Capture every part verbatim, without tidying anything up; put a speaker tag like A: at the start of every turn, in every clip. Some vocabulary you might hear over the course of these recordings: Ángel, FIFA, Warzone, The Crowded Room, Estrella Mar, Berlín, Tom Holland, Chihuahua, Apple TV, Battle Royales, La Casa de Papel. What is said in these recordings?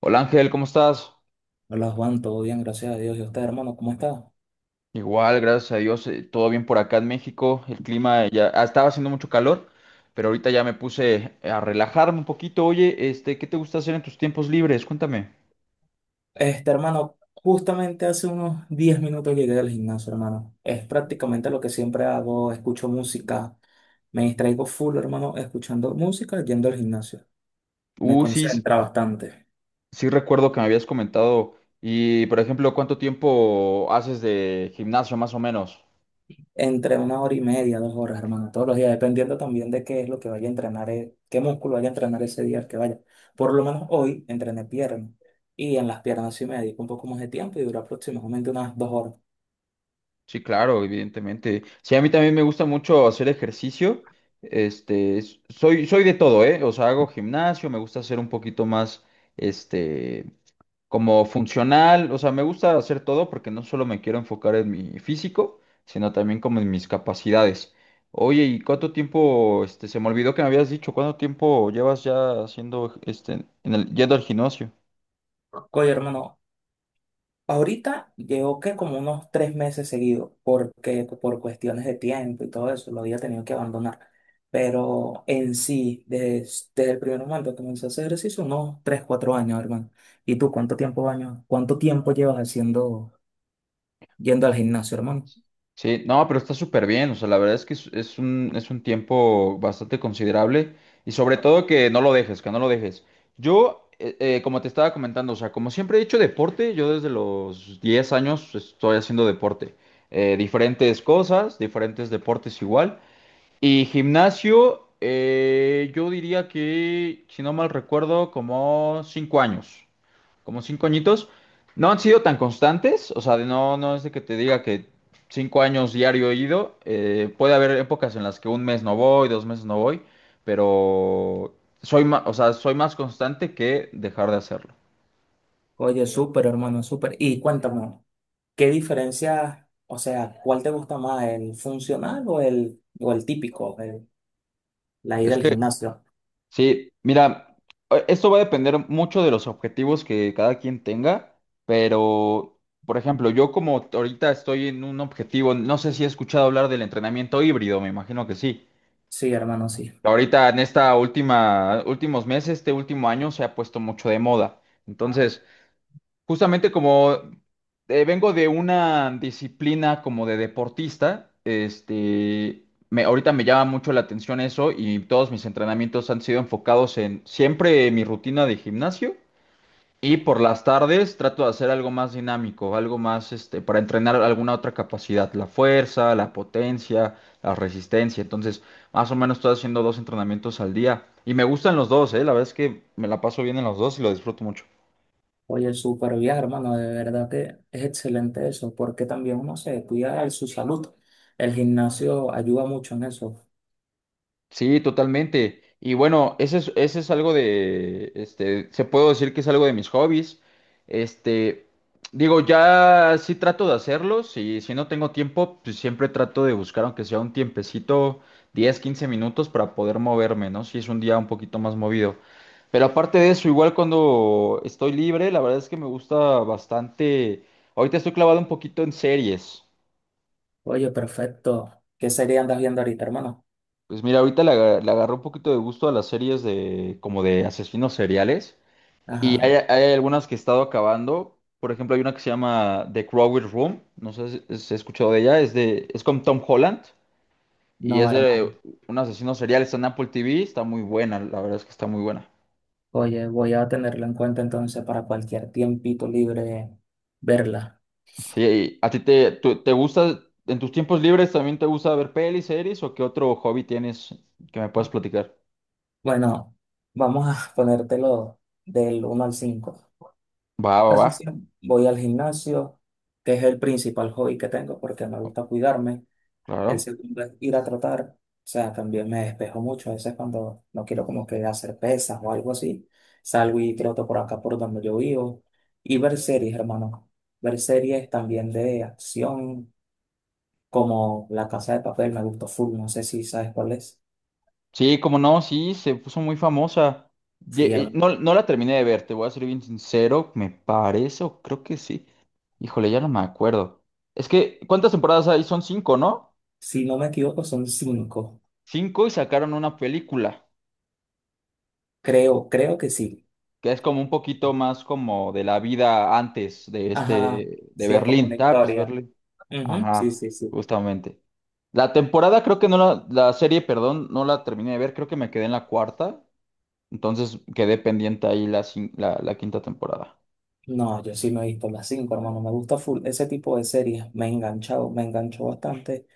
A: Hola Ángel, ¿cómo estás?
B: Hola Juan, todo bien, gracias a Dios. ¿Y usted, hermano, cómo está?
A: Igual, gracias a Dios, eh, todo bien por acá en México. El clima eh, ya ah, estaba haciendo mucho calor, pero ahorita ya me puse a relajarme un poquito. Oye, este, ¿qué te gusta hacer en tus tiempos libres? Cuéntame.
B: Este, hermano, justamente hace unos diez minutos llegué del gimnasio, hermano. Es prácticamente lo que siempre hago, escucho música, me distraigo full, hermano, escuchando música, yendo al gimnasio. Me
A: Uh, sí,
B: concentra bastante.
A: sí recuerdo que me habías comentado. Y, por ejemplo, ¿cuánto tiempo haces de gimnasio más o menos?
B: Entre una hora y media, dos horas, hermano, todos los días, dependiendo también de qué es lo que vaya a entrenar, eh, qué músculo vaya a entrenar ese día al que vaya. Por lo menos hoy entrené piernas y en las piernas sí me dedico un poco más de tiempo y dura aproximadamente unas dos horas.
A: Sí, claro, evidentemente. Sí, a mí también me gusta mucho hacer ejercicio. Este, s- soy, soy de todo, ¿eh? O sea, hago gimnasio, me gusta hacer un poquito más. Este, como funcional, o sea, me gusta hacer todo porque no solo me quiero enfocar en mi físico, sino también como en mis capacidades. Oye, ¿y cuánto tiempo, este, se me olvidó que me habías dicho, cuánto tiempo llevas ya haciendo, este, en el, yendo al gimnasio?
B: Oye, hermano, ahorita llevo que como unos tres meses seguidos, porque por cuestiones de tiempo y todo eso, lo había tenido que abandonar. Pero en sí, desde el primer momento que comencé a hacer ejercicio, unos tres, cuatro años, hermano. ¿Y tú cuánto tiempo años, cuánto tiempo llevas haciendo, yendo al gimnasio, hermano?
A: Sí, no, pero está súper bien, o sea, la verdad es que es, es un, es un tiempo bastante considerable y sobre todo que no lo dejes, que no lo dejes. Yo, eh, eh, como te estaba comentando, o sea, como siempre he hecho deporte, yo desde los diez años estoy haciendo deporte. Eh, diferentes cosas, diferentes deportes igual, y gimnasio, eh, yo diría que, si no mal recuerdo, como cinco años, como cinco añitos. No han sido tan constantes, o sea, de no, no es de que te diga que cinco años diario he ido. eh, puede haber épocas en las que un mes no voy, dos meses no voy, pero soy más, o sea, soy más constante que dejar de hacerlo.
B: Oye, súper, hermano, súper. Y cuéntame, ¿qué diferencia, o sea, cuál te gusta más, el funcional o el, o el típico, el- la ida
A: Es
B: al
A: que.
B: gimnasio?
A: Sí, mira, eh, esto va a depender mucho de los objetivos que cada quien tenga, pero, por ejemplo, yo como ahorita estoy en un objetivo, no sé si he escuchado hablar del entrenamiento híbrido, me imagino que sí.
B: Sí, hermano, sí.
A: Ahorita en esta última, últimos meses, este último año se ha puesto mucho de moda. Entonces, justamente como eh, vengo de una disciplina como de deportista, este, me, ahorita me llama mucho la atención eso y todos mis entrenamientos han sido enfocados en siempre mi rutina de gimnasio y por las tardes trato de hacer algo más dinámico, algo más este, para entrenar alguna otra capacidad, la fuerza, la potencia, la resistencia. Entonces, más o menos estoy haciendo dos entrenamientos al día y me gustan los dos, eh, la verdad es que me la paso bien en los dos y lo disfruto mucho.
B: Oye, súper bien, hermano, de verdad que es excelente eso, porque también uno se cuida de su salud. El gimnasio ayuda mucho en eso.
A: Sí, totalmente. Y bueno, ese es, ese es algo de, este, se puedo decir que es algo de mis hobbies. Este, digo, ya sí trato de hacerlos y si no tengo tiempo, pues siempre trato de buscar, aunque sea un tiempecito, diez, quince minutos para poder moverme, ¿no? Si es un día un poquito más movido. Pero aparte de eso, igual cuando estoy libre, la verdad es que me gusta bastante. Ahorita estoy clavado un poquito en series.
B: Oye, perfecto. ¿Qué sería andas viendo ahorita, hermano?
A: Pues mira, ahorita le, aga- le agarró un poquito de gusto a las series de como de asesinos seriales. Y hay,
B: Ajá,
A: hay algunas que he estado acabando. Por ejemplo, hay una que se llama The Crowded Room. No sé si si has escuchado de ella. Es de, es con Tom Holland. Y
B: no,
A: es de
B: hermano.
A: un asesino serial. Está en Apple T V. Está muy buena. La verdad es que está muy buena.
B: Oye, voy a tenerlo en cuenta entonces para cualquier tiempito libre verla.
A: Sí, y ¿a ti te, tú- te gusta, en tus tiempos libres también te gusta ver pelis, series o qué otro hobby tienes que me puedas platicar?
B: Bueno, vamos a ponértelo del uno al cinco.
A: Va, va, va.
B: Casi siempre voy al gimnasio, que es el principal hobby que tengo porque me gusta cuidarme. El
A: Claro.
B: segundo es ir a trotar. O sea, también me despejo mucho. A veces cuando no quiero como que hacer pesas o algo así, salgo y troto por acá por donde yo vivo. Y ver series, hermano. Ver series también de acción, como La Casa de Papel, me gustó full. No sé si sabes cuál es.
A: Sí, como no, sí, se puso muy famosa. Ye-
B: Sí,
A: eh,
B: hermano.
A: No, no la terminé de ver, te voy a ser bien sincero, me parece, o creo que sí. Híjole, ya no me acuerdo. Es que, ¿cuántas temporadas hay? Son cinco, ¿no?
B: Si no me equivoco, son cinco.
A: Cinco y sacaron una película,
B: Creo, creo que sí.
A: que es como un poquito más como de la vida antes de
B: Ajá.
A: este, de
B: Sí, es como
A: Berlín.
B: una
A: Ah, pues
B: historia.
A: Berlín.
B: Ujú. Sí,
A: Ajá,
B: sí, sí.
A: justamente. La temporada creo que no la, la serie, perdón, no la terminé de ver, creo que me quedé en la cuarta, entonces quedé pendiente ahí la, cin- la la quinta temporada.
B: No, yo sí me he visto las cinco, hermano. Me gusta full ese tipo de series. Me he enganchado, me enganchó bastante,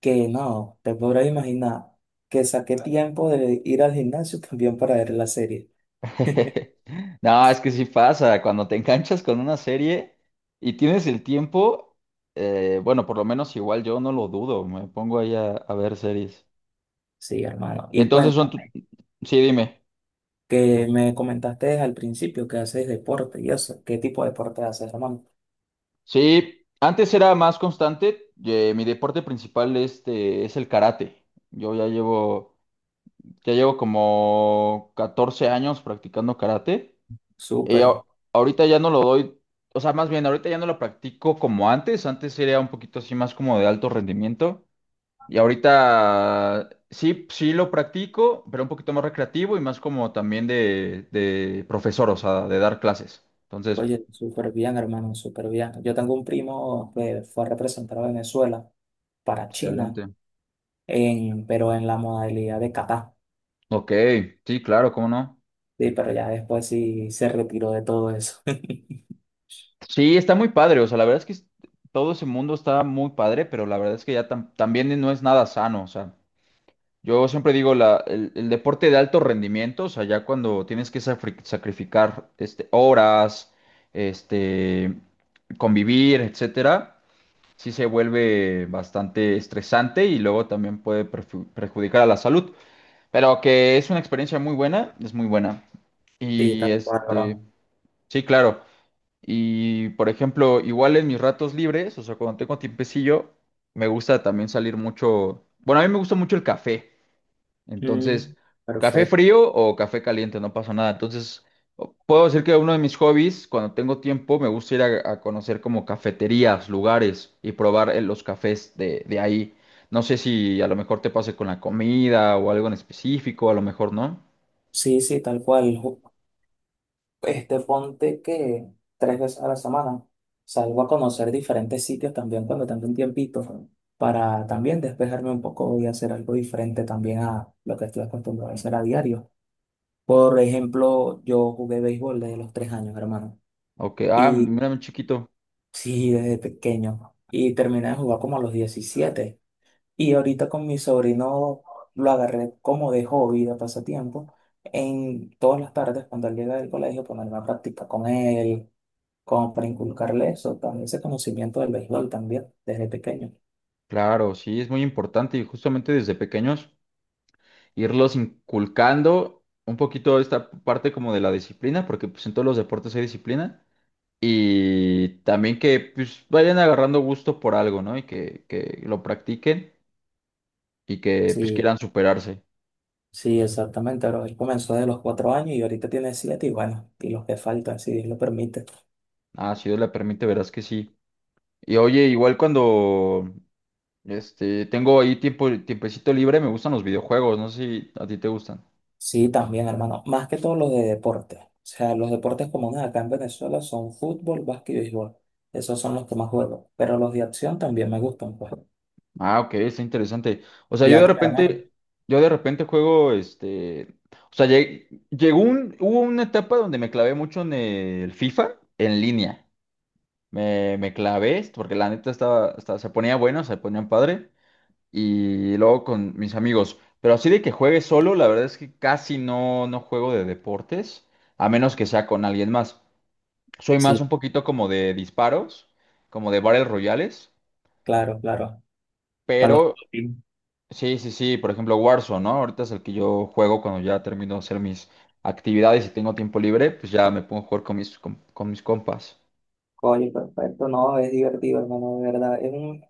B: que no, te podrás imaginar que saqué tiempo de ir al gimnasio también para ver la serie.
A: No, es que sí pasa, cuando te enganchas con una serie y tienes el tiempo, eh, bueno, por lo menos igual yo no lo dudo, me pongo ahí a, a, ver series.
B: Sí, hermano.
A: Y
B: Y
A: entonces son, tu-
B: cuéntame,
A: sí, dime,
B: que me comentaste al principio que haces deporte y eso. ¿Qué tipo de deporte haces, hermano?
A: sí, antes era más constante, eh, mi deporte principal este es el karate. Yo ya llevo, ya llevo como catorce años practicando karate. Eh, a-
B: Súper.
A: Ahorita ya no lo doy, o sea, más bien, ahorita ya no lo practico como antes, antes era un poquito así más como de alto rendimiento, y ahorita sí, sí lo practico, pero un poquito más recreativo y más como también de, de profesor, o sea, de dar clases. Entonces,
B: Oye, súper bien, hermano, súper bien. Yo tengo un primo que fue a representar a Venezuela para China,
A: excelente.
B: en, pero en la modalidad de kata.
A: Ok, sí, claro, cómo no.
B: Sí, pero ya después sí se retiró de todo eso.
A: Sí, está muy padre, o sea, la verdad es que es- todo ese mundo está muy padre, pero la verdad es que ya tam- también no es nada sano, o sea. Yo siempre digo la, el, el deporte de alto rendimiento, o sea, ya cuando tienes que safri- sacrificar este, horas, este, convivir, etcétera, sí se vuelve bastante estresante y luego también puede perju- perjudicar a la salud. Pero que es una experiencia muy buena, es muy buena.
B: Sí,
A: Y
B: tal cual, bro.
A: este, sí, claro. Y por ejemplo, igual en mis ratos libres, o sea, cuando tengo tiempecillo, me gusta también salir mucho. Bueno, a mí me gusta mucho el café.
B: Mm,
A: Entonces, café
B: perfecto.
A: frío o café caliente, no pasa nada. Entonces, o- puedo decir que uno de mis hobbies, cuando tengo tiempo, me gusta ir a, a, conocer como cafeterías, lugares y probar eh, los cafés de, de ahí. No sé si a lo mejor te pase con la comida o algo en específico, a lo mejor no.
B: Sí, sí, tal cual. Ju- Este, ponte que tres veces a la semana salgo a conocer diferentes sitios también cuando tengo un tiempito para también despejarme un poco y hacer algo diferente también a lo que estoy acostumbrado a hacer a diario. Por ejemplo, yo jugué béisbol desde los tres años, hermano.
A: Ok, ah,
B: Y
A: mira, mi chiquito.
B: sí, desde pequeño. Y terminé de jugar como a los diecisiete. Y ahorita con mi sobrino lo agarré como de hobby, de pasatiempo, en todas las tardes cuando él llega del colegio ponerme a practicar con él, como para inculcarle eso, también ese conocimiento del béisbol también, desde pequeño.
A: Claro, sí, es muy importante y justamente desde pequeños irlos inculcando un poquito esta parte como de la disciplina, porque pues en todos los deportes hay disciplina. Y también que pues vayan agarrando gusto por algo, ¿no? Y que, que lo practiquen y que pues
B: Sí,
A: quieran superarse.
B: sí, exactamente, pero él comenzó desde los cuatro años y ahorita tiene siete y bueno, y los que faltan, si Dios lo permite.
A: Ah, si Dios le permite, verás que sí. Y oye, igual cuando este tengo ahí tiempo, tiempecito libre, me gustan los videojuegos, no sé si a ti te gustan.
B: Sí, también, hermano, más que todo los de deporte. O sea, los deportes comunes acá en Venezuela son fútbol, básquet y béisbol. Esos son los que más juego, pero los de acción también me gustan, pues.
A: Ah, ok, está interesante. O sea,
B: Y
A: yo
B: a
A: de
B: ti, hermano.
A: repente, yo de repente juego este. O sea, lleg- llegó un, hubo una etapa donde me clavé mucho en el FIFA en línea. Me, me clavé, porque la neta estaba, estaba- se ponía bueno, se ponían padre. Y luego con mis amigos. Pero así de que juegue solo, la verdad es que casi no, no juego de deportes, a menos que sea con alguien más. Soy más
B: Sí,
A: un poquito como de disparos, como de Battle Royales.
B: claro, claro. Para los
A: Pero
B: papi.
A: sí, sí, sí, por ejemplo Warzone, ¿no? Ahorita es el que yo juego cuando ya termino de hacer mis actividades y tengo tiempo libre, pues ya me pongo a jugar con mis, con con mis compas.
B: Oye, perfecto, no, es divertido, hermano, de verdad. Es un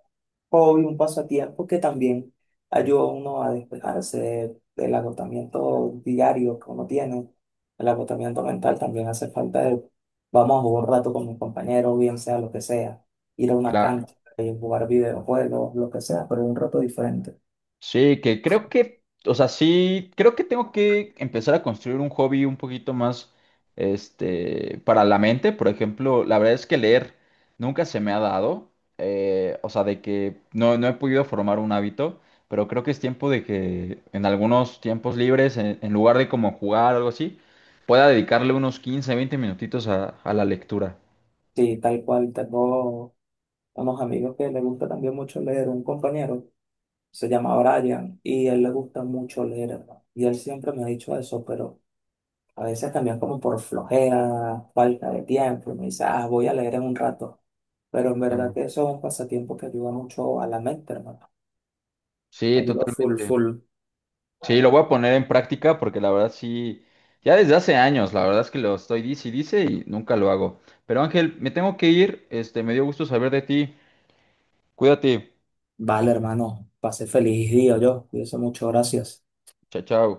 B: hobby, un pasatiempo que también ayuda a uno a despejarse de- del agotamiento diario que uno tiene. El agotamiento mental también hace falta de, vamos a jugar un rato con mis compañeros, bien sea lo que sea, ir a una
A: Claro.
B: cancha, eh, jugar videojuegos, lo que sea, pero un rato diferente.
A: Sí, que creo que, o sea, sí, creo que tengo que empezar a construir un hobby un poquito más, este, para la mente. Por ejemplo, la verdad es que leer nunca se me ha dado, eh, o sea, de que no, no he podido formar un hábito, pero creo que es tiempo de que en algunos tiempos libres, en, en lugar de como jugar o algo así, pueda dedicarle unos quince, veinte minutitos a, a, la lectura.
B: Sí, tal cual, tengo unos amigos que les gusta también mucho leer, un compañero. Se llama Brian y a él le gusta mucho leer, hermano. Y él siempre me ha dicho eso, pero a veces también como por flojera, falta de tiempo, y me dice, ah, voy a leer en un rato. Pero en verdad
A: Ah.
B: que eso es un pasatiempo que ayuda mucho a la mente, hermano.
A: Sí,
B: Ayuda full,
A: totalmente.
B: full.
A: Sí, lo voy a poner en práctica porque la verdad sí, ya desde hace años, la verdad es que lo estoy dice y dice y nunca lo hago. Pero Ángel, me tengo que ir, este, me dio gusto saber de ti. Cuídate.
B: Vale, hermano, pase feliz día yo. Cuídese mucho, gracias.
A: Chao, chao.